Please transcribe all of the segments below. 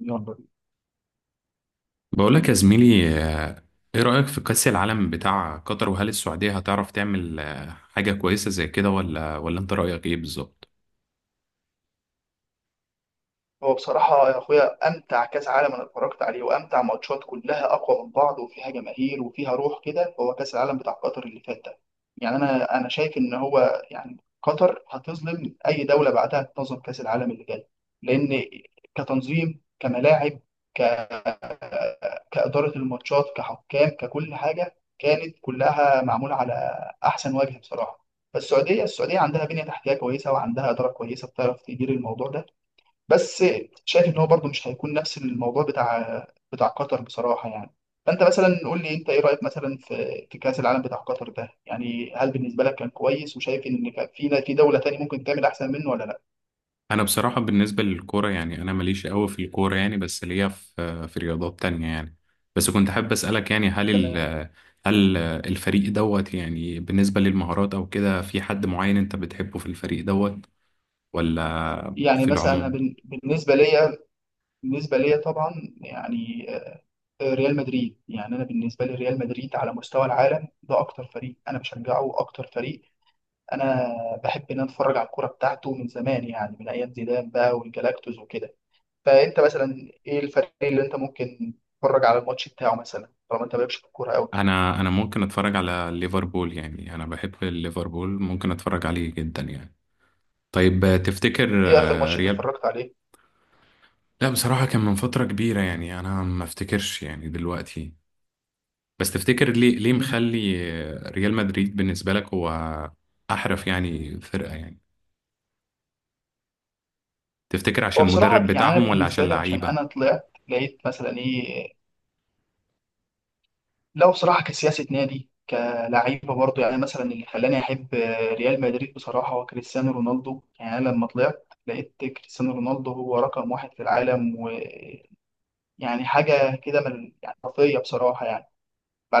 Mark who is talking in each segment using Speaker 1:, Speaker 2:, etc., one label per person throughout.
Speaker 1: يلا بينا.
Speaker 2: بقولك يا زميلي، ايه رأيك في كأس العالم بتاع قطر وهل السعودية هتعرف تعمل حاجة كويسة زي كده ولا انت رأيك ايه بالظبط؟
Speaker 1: هو بصراحة يا أخويا أمتع كأس عالم أنا اتفرجت عليه، وأمتع ماتشات كلها أقوى من بعض وفيها جماهير وفيها روح كده هو كأس العالم بتاع قطر اللي فات ده. يعني أنا شايف إن هو يعني قطر هتظلم أي دولة بعدها تنظم كأس العالم اللي جاي، لأن كتنظيم، كملاعب، ك... كإدارة الماتشات، كحكام، ككل حاجة، كانت كلها معمولة على أحسن وجه بصراحة. فالسعودية، السعودية عندها بنية تحتية كويسة وعندها إدارة كويسة بتعرف تدير الموضوع ده، بس شايف ان هو برضه مش هيكون نفس الموضوع بتاع قطر بصراحه يعني. فانت مثلا قول لي انت ايه رايك مثلا في في كاس العالم بتاع قطر ده، يعني هل بالنسبه لك كان كويس وشايف ان كان في في دوله تانية ممكن تعمل احسن منه ولا لا؟
Speaker 2: انا بصراحة بالنسبة للكورة يعني انا ماليش قوي في الكورة، يعني بس ليا في رياضات تانية يعني. بس كنت حابب أسألك، يعني هل ال
Speaker 1: تمام.
Speaker 2: آه، هل آه، الفريق دوت، يعني بالنسبة للمهارات او كده في حد معين انت بتحبه في الفريق دوت ولا
Speaker 1: يعني
Speaker 2: في
Speaker 1: مثلا أنا
Speaker 2: العموم؟
Speaker 1: بالنسبه ليا، بالنسبه ليا طبعا يعني ريال مدريد. يعني انا بالنسبه لي ريال مدريد على مستوى العالم ده اكتر فريق انا بشجعه واكتر فريق انا بحب ان أنا اتفرج على الكوره بتاعته من زمان، يعني من ايام زيدان بقى والجلاكتوس وكده. فانت مثلا ايه الفريق اللي انت ممكن تتفرج على الماتش بتاعه مثلا، طالما انت مالكش في الكوره قوي؟
Speaker 2: انا ممكن اتفرج على ليفربول، يعني انا بحب ليفربول ممكن اتفرج عليه جدا يعني. طيب تفتكر
Speaker 1: ايه اخر ماتش انت
Speaker 2: ريال...
Speaker 1: اتفرجت عليه؟
Speaker 2: لا بصراحة كان من فترة كبيرة، يعني أنا ما أفتكرش يعني دلوقتي. بس تفتكر ليه
Speaker 1: مم.
Speaker 2: مخلي ريال مدريد بالنسبة لك هو أحرف يعني فرقة يعني، تفتكر
Speaker 1: هو
Speaker 2: عشان
Speaker 1: بصراحه
Speaker 2: المدرب
Speaker 1: يعني انا
Speaker 2: بتاعهم ولا عشان
Speaker 1: بالنسبه لي عشان
Speaker 2: اللعيبة؟
Speaker 1: انا طلعت لقيت مثلا ايه، لو بصراحه كسياسه نادي كلعيبه برضه، يعني مثلا اللي خلاني احب ريال مدريد بصراحه هو كريستيانو رونالدو. يعني أنا لما طلعت لقيت كريستيانو رونالدو هو رقم واحد في العالم، ويعني حاجه كده من يعني خرافيه بصراحه يعني.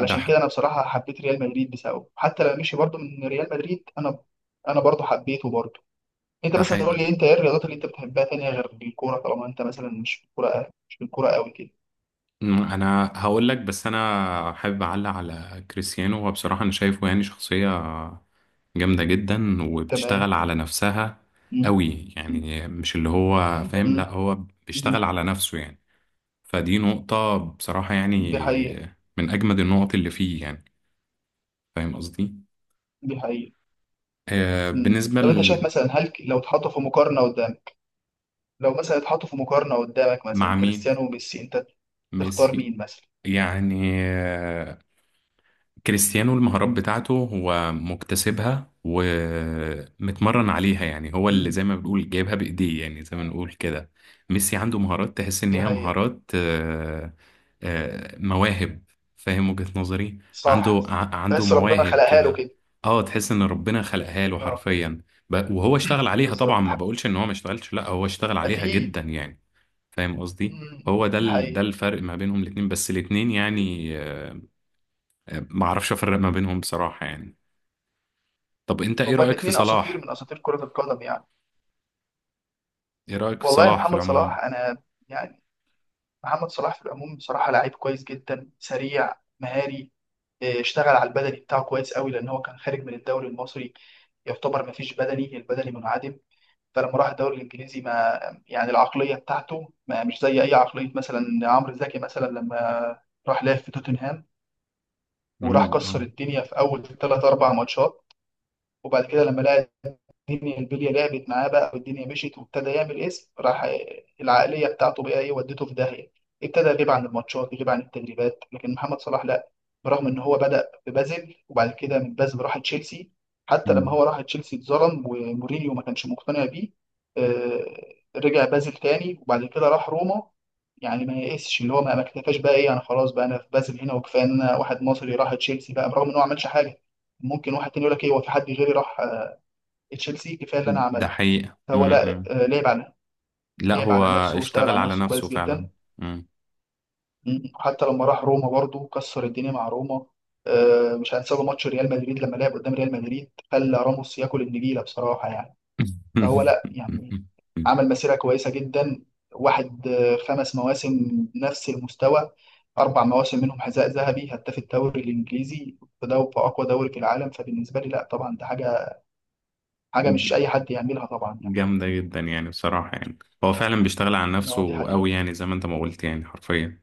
Speaker 2: ده
Speaker 1: كده
Speaker 2: ح-
Speaker 1: انا بصراحه حبيت ريال مدريد بسببه، حتى لما مشي برضه من ريال مدريد انا انا برضه حبيته برضه. انت
Speaker 2: ده
Speaker 1: مثلا قول
Speaker 2: حقيقي.
Speaker 1: لي انت ايه الرياضات اللي انت بتحبها تانية غير الكوره، طالما انت مثلا مش في الكوره قوي كده؟
Speaker 2: أنا هقول لك، بس أنا حابب أعلق على كريستيانو. هو بصراحة أنا شايفه يعني شخصية جامدة جدا
Speaker 1: تمام.
Speaker 2: وبتشتغل على نفسها
Speaker 1: مم.
Speaker 2: قوي،
Speaker 1: مم.
Speaker 2: يعني مش اللي هو فاهم، لا
Speaker 1: مم.
Speaker 2: هو
Speaker 1: مم.
Speaker 2: بيشتغل على نفسه يعني. فدي نقطة بصراحة يعني،
Speaker 1: دي حقيقه.
Speaker 2: من أجمد النقط اللي فيه يعني، فاهم قصدي؟
Speaker 1: دي حقيقه.
Speaker 2: آه
Speaker 1: مم.
Speaker 2: بالنسبة
Speaker 1: طب انت شايف
Speaker 2: ل-
Speaker 1: مثلا هل لو اتحطوا في مقارنه قدامك، لو مثلا اتحطوا في مقارنه قدامك
Speaker 2: مع
Speaker 1: مثلا
Speaker 2: مين؟
Speaker 1: كريستيانو وميسي، انت تختار
Speaker 2: ميسي.
Speaker 1: مين مثلا؟
Speaker 2: يعني كريستيانو المهارات بتاعته هو مكتسبها ومتمرن عليها، يعني هو اللي
Speaker 1: مم.
Speaker 2: زي ما بنقول جايبها بإيديه، يعني زي ما نقول كده. ميسي عنده مهارات تحس إن
Speaker 1: دي
Speaker 2: هي
Speaker 1: حقيقه.
Speaker 2: مهارات، مواهب. فاهم وجهة نظري؟
Speaker 1: صح
Speaker 2: عنده
Speaker 1: صح.
Speaker 2: ع- عنده
Speaker 1: بس ربنا
Speaker 2: مواهب
Speaker 1: خلقها له
Speaker 2: كده.
Speaker 1: كده.
Speaker 2: اه، تحس إن ربنا خلقها له
Speaker 1: اه.
Speaker 2: حرفيا، وهو اشتغل عليها طبعا.
Speaker 1: بالظبط.
Speaker 2: ما بقولش إن هو ما اشتغلش، لا هو اشتغل عليها
Speaker 1: اكيد.
Speaker 2: جدا يعني. فاهم قصدي؟
Speaker 1: مم.
Speaker 2: هو ده ده
Speaker 1: حقيقي.
Speaker 2: الفرق ما بينهم الاتنين، بس الاتنين يعني ما اعرفش افرق ما بينهم بصراحة يعني. طب انت ايه
Speaker 1: هما
Speaker 2: رأيك في
Speaker 1: الاثنين اساطير
Speaker 2: صلاح؟
Speaker 1: من اساطير كرة القدم يعني.
Speaker 2: ايه رأيك في
Speaker 1: والله يا
Speaker 2: صلاح في
Speaker 1: محمد
Speaker 2: العموم؟
Speaker 1: صلاح، انا يعني محمد صلاح في العموم بصراحة لعيب كويس جدا، سريع، مهاري، اشتغل على البدني بتاعه كويس قوي، لان هو كان خارج من الدوري المصري يعتبر ما فيش بدني، البدني منعدم. فلما راح الدوري الانجليزي ما يعني العقلية بتاعته ما مش زي اي عقلية. مثلا عمرو زكي مثلا لما راح لعب في توتنهام وراح
Speaker 2: امم،
Speaker 1: كسر
Speaker 2: آه.
Speaker 1: الدنيا في اول ثلاث اربع ماتشات، وبعد كده لما لعب الدنيا البليه لعبت معاه بقى، والدنيا مشيت وابتدى يعمل اسم، راح العقليه بتاعته بقى ايه ودته في داهيه، ابتدى يغيب عن الماتشات، يغيب عن التدريبات. لكن محمد صلاح لا، برغم ان هو بدأ في بازل وبعد كده من بازل راح تشيلسي، حتى لما
Speaker 2: أمم.
Speaker 1: هو راح تشيلسي اتظلم ومورينيو ما كانش مقتنع بيه، آه، رجع بازل تاني وبعد كده راح روما، يعني ما يئسش اللي هو ما اكتفاش بقى ايه انا خلاص بقى انا في بازل هنا وكفايه ان انا واحد مصري راح تشيلسي، بقى برغم ان هو ما عملش حاجه ممكن واحد تاني يقول لك ايه هو في حد غيري راح تشيلسي؟ كفايه اللي انا
Speaker 2: ده
Speaker 1: عملته.
Speaker 2: حقيقة،
Speaker 1: هو لا
Speaker 2: امم.
Speaker 1: لعب على
Speaker 2: لا
Speaker 1: لعب
Speaker 2: هو
Speaker 1: على نفسه، واشتغل
Speaker 2: اشتغل
Speaker 1: على
Speaker 2: على
Speaker 1: نفسه
Speaker 2: نفسه
Speaker 1: كويس
Speaker 2: فعلا.
Speaker 1: جدا.
Speaker 2: امم.
Speaker 1: مم. حتى لما راح روما برضه كسر الدنيا مع روما. مش هنساله ماتش ريال مدريد لما لعب قدام ريال مدريد، خلى راموس ياكل النجيله بصراحه يعني. فهو لا يعني عمل مسيره كويسه جدا، واحد خمس مواسم نفس المستوى، اربع مواسم منهم حذاء ذهبي هداف الدوري الانجليزي في في اقوى دوري في العالم. فبالنسبه لي لا طبعا ده حاجه، حاجه مش اي حد يعملها طبعا يعني.
Speaker 2: جامدة جدا يعني، بصراحة يعني هو فعلا بيشتغل على
Speaker 1: اه دي
Speaker 2: نفسه قوي،
Speaker 1: حقيقه.
Speaker 2: يعني زي ما انت ما قلت يعني حرفيا.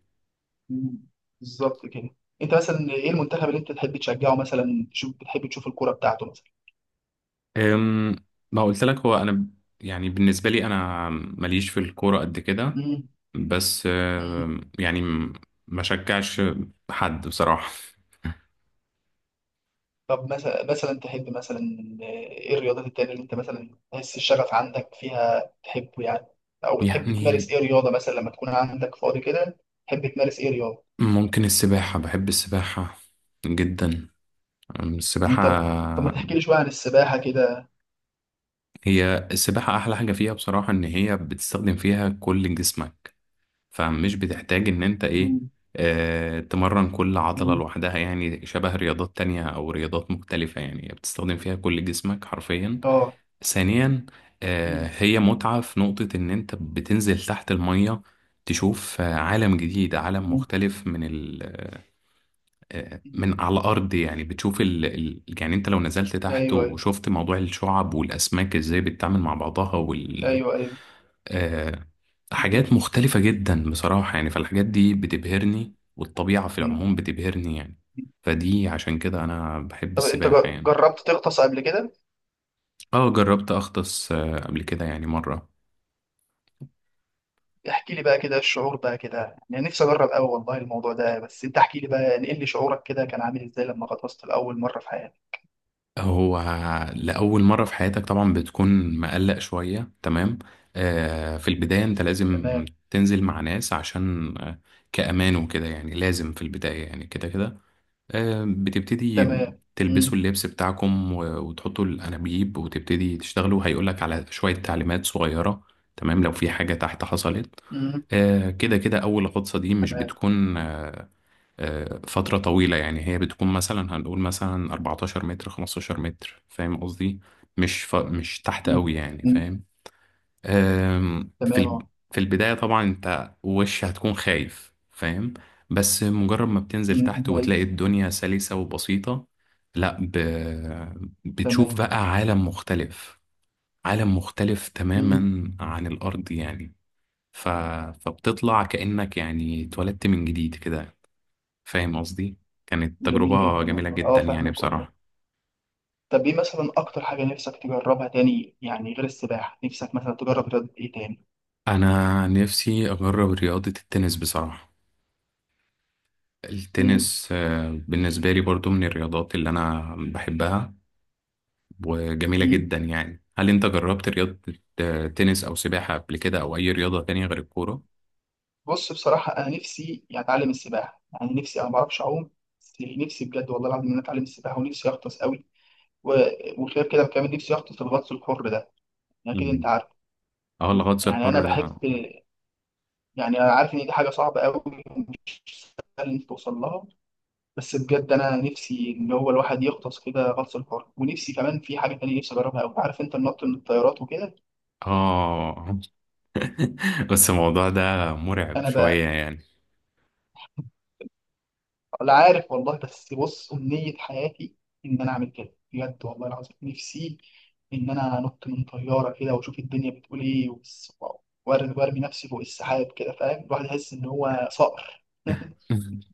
Speaker 1: مم. بالظبط كده. انت مثلا ايه المنتخب اللي انت تحب تشجعه مثلا، تشوف، بتحب تشوف الكوره بتاعته مثلا؟
Speaker 2: أم، ما قلت لك. يعني بالنسبة لي انا ماليش في الكورة قد كده.
Speaker 1: مم.
Speaker 2: بس
Speaker 1: مم.
Speaker 2: يعني ما شجعش حد بصراحة
Speaker 1: طب مثلا تحب، مثلا ايه الرياضات التانية اللي انت مثلا تحس الشغف عندك فيها تحبه يعني؟ او بتحب
Speaker 2: يعني.
Speaker 1: تمارس ايه رياضه مثلا لما تكون عندك فاضي كده، تحب تمارس ايه رياضه؟
Speaker 2: ممكن السباحة، بحب السباحة جدا.
Speaker 1: مم.
Speaker 2: السباحة.
Speaker 1: طب ما تحكي لي شويه عن السباحه كده.
Speaker 2: هي السباحة أحلى حاجة فيها بصراحة، إن هي بتستخدم فيها كل جسمك، فمش بتحتاج إن أنت إيه
Speaker 1: مم.
Speaker 2: آه تمرن كل عضلة
Speaker 1: مم.
Speaker 2: لوحدها يعني، شبه رياضات تانية أو رياضات مختلفة، يعني بتستخدم فيها كل جسمك حرفيا.
Speaker 1: اه.
Speaker 2: ثانيا،
Speaker 1: مم.
Speaker 2: هي متعة في نقطة إن أنت بتنزل تحت المية، تشوف عالم جديد، عالم
Speaker 1: مم.
Speaker 2: مختلف من ال آه،
Speaker 1: مم.
Speaker 2: من على الأرض يعني. بتشوف يعني أنت لو نزلت
Speaker 1: ايوه
Speaker 2: تحت
Speaker 1: ايوه.
Speaker 2: وشفت موضوع الشعب والأسماك إزاي بتتعامل مع بعضها، وال
Speaker 1: ايوه ايوه.
Speaker 2: آه،
Speaker 1: مم.
Speaker 2: حاجات مختلفة جدا بصراحة يعني. فالحاجات دي بتبهرني، والطبيعة في
Speaker 1: مم.
Speaker 2: العموم بتبهرني يعني. فدي عشان كده أنا بحب
Speaker 1: طب انت
Speaker 2: السباحة
Speaker 1: جر-
Speaker 2: يعني.
Speaker 1: جربت تغطس قبل كده؟
Speaker 2: اه جربت أغطس قبل كده، يعني مرة.
Speaker 1: احكي لي بقى كده الشعور بقى كده، يعني نفسي اجرب قوي والله الموضوع ده، بس انت احكي لي بقى، نقل لي شعورك كده كان عامل ازاي لما غطست لاول مره في حياتك؟
Speaker 2: هو لأول مرة في حياتك طبعا بتكون مقلق شوية، تمام. آه، في البداية انت لازم
Speaker 1: تمام.
Speaker 2: تنزل مع ناس عشان آه، كأمان وكده، يعني لازم في البداية يعني كده كده. آه بتبتدي
Speaker 1: تمام. امم.
Speaker 2: تلبسوا اللبس بتاعكم وتحطوا الأنابيب وتبتدي تشتغلوا، هيقولك على شوية تعليمات صغيرة تمام لو في حاجة تحت حصلت.
Speaker 1: امم.
Speaker 2: آه كده كده، أول غطسة دي مش
Speaker 1: تمام.
Speaker 2: بتكون فترة طويلة، يعني هي بتكون مثلا، هنقول مثلا 14 متر 15 متر، فاهم قصدي؟ مش تحت
Speaker 1: امم.
Speaker 2: قوي يعني،
Speaker 1: أمم.
Speaker 2: فاهم. آم، في
Speaker 1: تمام.
Speaker 2: ال...
Speaker 1: اه.
Speaker 2: في البداية طبعا انت وش هتكون خايف، فاهم. بس مجرد ما بتنزل
Speaker 1: أمم.
Speaker 2: تحت وتلاقي
Speaker 1: نايس.
Speaker 2: الدنيا سلسة وبسيطة، لا ب... بتشوف
Speaker 1: تمام.
Speaker 2: بقى عالم مختلف، عالم مختلف
Speaker 1: امم.
Speaker 2: تماما عن الأرض يعني. ف... فبتطلع كأنك يعني اتولدت من جديد كده، فاهم قصدي. كانت
Speaker 1: جميل
Speaker 2: تجربة
Speaker 1: جدا
Speaker 2: جميلة
Speaker 1: والله، اه
Speaker 2: جدا يعني
Speaker 1: فاهمك والله.
Speaker 2: بصراحة.
Speaker 1: طب ايه مثلا اكتر حاجه نفسك تجربها تاني، يعني غير السباحه، نفسك مثلا تجرب رياضه ايه تاني؟
Speaker 2: أنا نفسي أجرب رياضة التنس بصراحة. التنس بالنسبة لي برضو من الرياضات اللي أنا بحبها، وجميلة
Speaker 1: امم.
Speaker 2: جدا يعني. هل أنت جربت رياضة التنس أو سباحة قبل كده، أو أي رياضة تانية غير الكورة؟
Speaker 1: بص بصراحة، أنا نفسي يعني أتعلم السباحة. يعني نفسي، أنا ما بعرفش أعوم، بس نفسي بجد والله العظيم إن أنا أتعلم السباحة، ونفسي أغطس قوي، و- وغير كده كمان نفسي أغطس الغطس الحر ده، يعني أكيد أنت
Speaker 2: مم.
Speaker 1: عارف.
Speaker 2: اه، الغطس
Speaker 1: يعني أنا
Speaker 2: الحر
Speaker 1: بحب،
Speaker 2: ده.
Speaker 1: يعني أنا عارف إن دي حاجة صعبة قوي ومش سهل إنك توصل لها، بس بجد أنا نفسي إن هو الواحد يغطس كده غطس الحر. ونفسي كمان في حاجة تانية نفسي أجربها قوي، عارف أنت، النط من الطيارات وكده.
Speaker 2: اه. بس الموضوع ده مرعب
Speaker 1: أنا
Speaker 2: شوية يعني.
Speaker 1: ولا عارف والله، بس بص أمنية حياتي إن أنا أعمل كده، بجد والله العظيم نفسي إن أنا أنط من طيارة كده وأشوف الدنيا بتقول إيه، وأرمي، وأرمي نفسي فوق السحاب كده، فاهم، الواحد يحس إن هو صقر.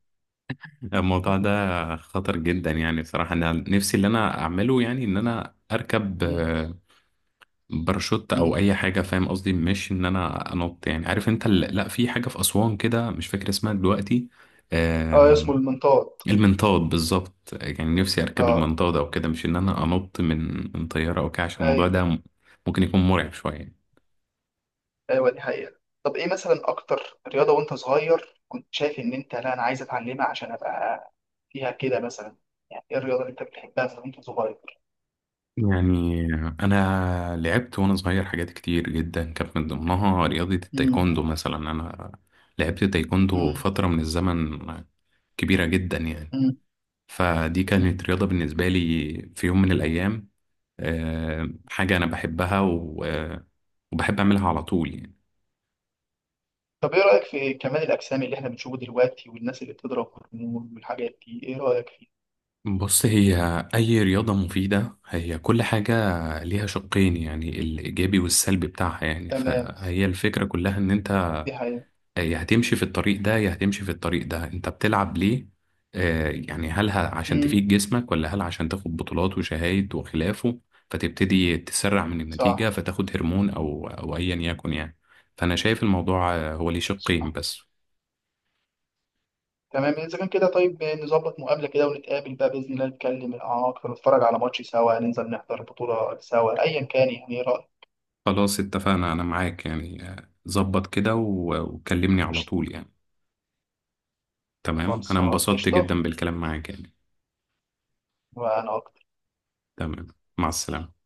Speaker 2: الموضوع ده خطر جدا يعني، بصراحة أنا نفسي اللي أنا أعمله يعني، إن أنا أركب
Speaker 1: مم.
Speaker 2: باراشوت أو
Speaker 1: مم.
Speaker 2: أي حاجة، فاهم قصدي؟ مش إن أنا أنط، يعني عارف أنت لا في حاجة في أسوان كده، مش فاكر اسمها دلوقتي،
Speaker 1: أه
Speaker 2: آه،
Speaker 1: اسمه المنطاد.
Speaker 2: المنطاد بالظبط. يعني نفسي أركب
Speaker 1: أه.
Speaker 2: المنطاد أو كده، مش إن أنا أنط من طيارة أو كده، عشان الموضوع
Speaker 1: أيوه.
Speaker 2: ده ممكن يكون مرعب شوية
Speaker 1: أيوه دي حقيقة. طب إيه مثلا أكتر رياضة وأنت صغير كنت شايف إن أنت لا أنا عايز أتعلمها عشان أبقى فيها كده مثلا، يعني إيه الرياضة اللي أنت بتحبها مثلا وأنت صغير؟
Speaker 2: يعني. انا لعبت وانا صغير حاجات كتير جدا، كانت من ضمنها رياضة
Speaker 1: مم.
Speaker 2: التايكوندو مثلا. انا لعبت تايكوندو
Speaker 1: مم.
Speaker 2: فترة من الزمن كبيرة جدا يعني، فدي
Speaker 1: مم.
Speaker 2: كانت رياضة بالنسبة لي في يوم من الايام، حاجة انا بحبها، وبحب اعملها على طول يعني.
Speaker 1: طب ايه رأيك في كمال الأجسام اللي احنا بنشوفه دلوقتي والناس اللي بتضرب هرمون والحاجات دي، ايه رأيك فيه؟
Speaker 2: بص، هي اي رياضة مفيدة، هي كل حاجة ليها شقين، يعني الايجابي والسلبي بتاعها، يعني
Speaker 1: تمام.
Speaker 2: فهي الفكرة كلها ان انت
Speaker 1: دي حقيقة.
Speaker 2: يا هتمشي في الطريق ده يا هتمشي في الطريق ده. انت بتلعب ليه؟ يعني هل عشان
Speaker 1: امم.
Speaker 2: تفيد جسمك ولا هل عشان تاخد بطولات وشهايد وخلافه، فتبتدي تسرع من النتيجة
Speaker 1: صح.
Speaker 2: فتاخد هرمون او ايا يكن يعني. فانا شايف الموضوع هو ليه شقين
Speaker 1: صح.
Speaker 2: بس.
Speaker 1: تمام، اذا كان كده طيب نظبط مقابلة كده ونتقابل بقى بإذن الله، نتكلم اعمق ونتفرج على ماتش سوا، ننزل نحضر بطولة سوا، ايا كان يعني، ايه رأيك؟
Speaker 2: خلاص اتفقنا، انا معاك يعني، ظبط كده وكلمني على
Speaker 1: قشطة.
Speaker 2: طول يعني. تمام، انا
Speaker 1: خلصان
Speaker 2: انبسطت
Speaker 1: قشطة.
Speaker 2: جدا بالكلام معاك يعني.
Speaker 1: وانا اكتر.
Speaker 2: تمام، مع السلامة.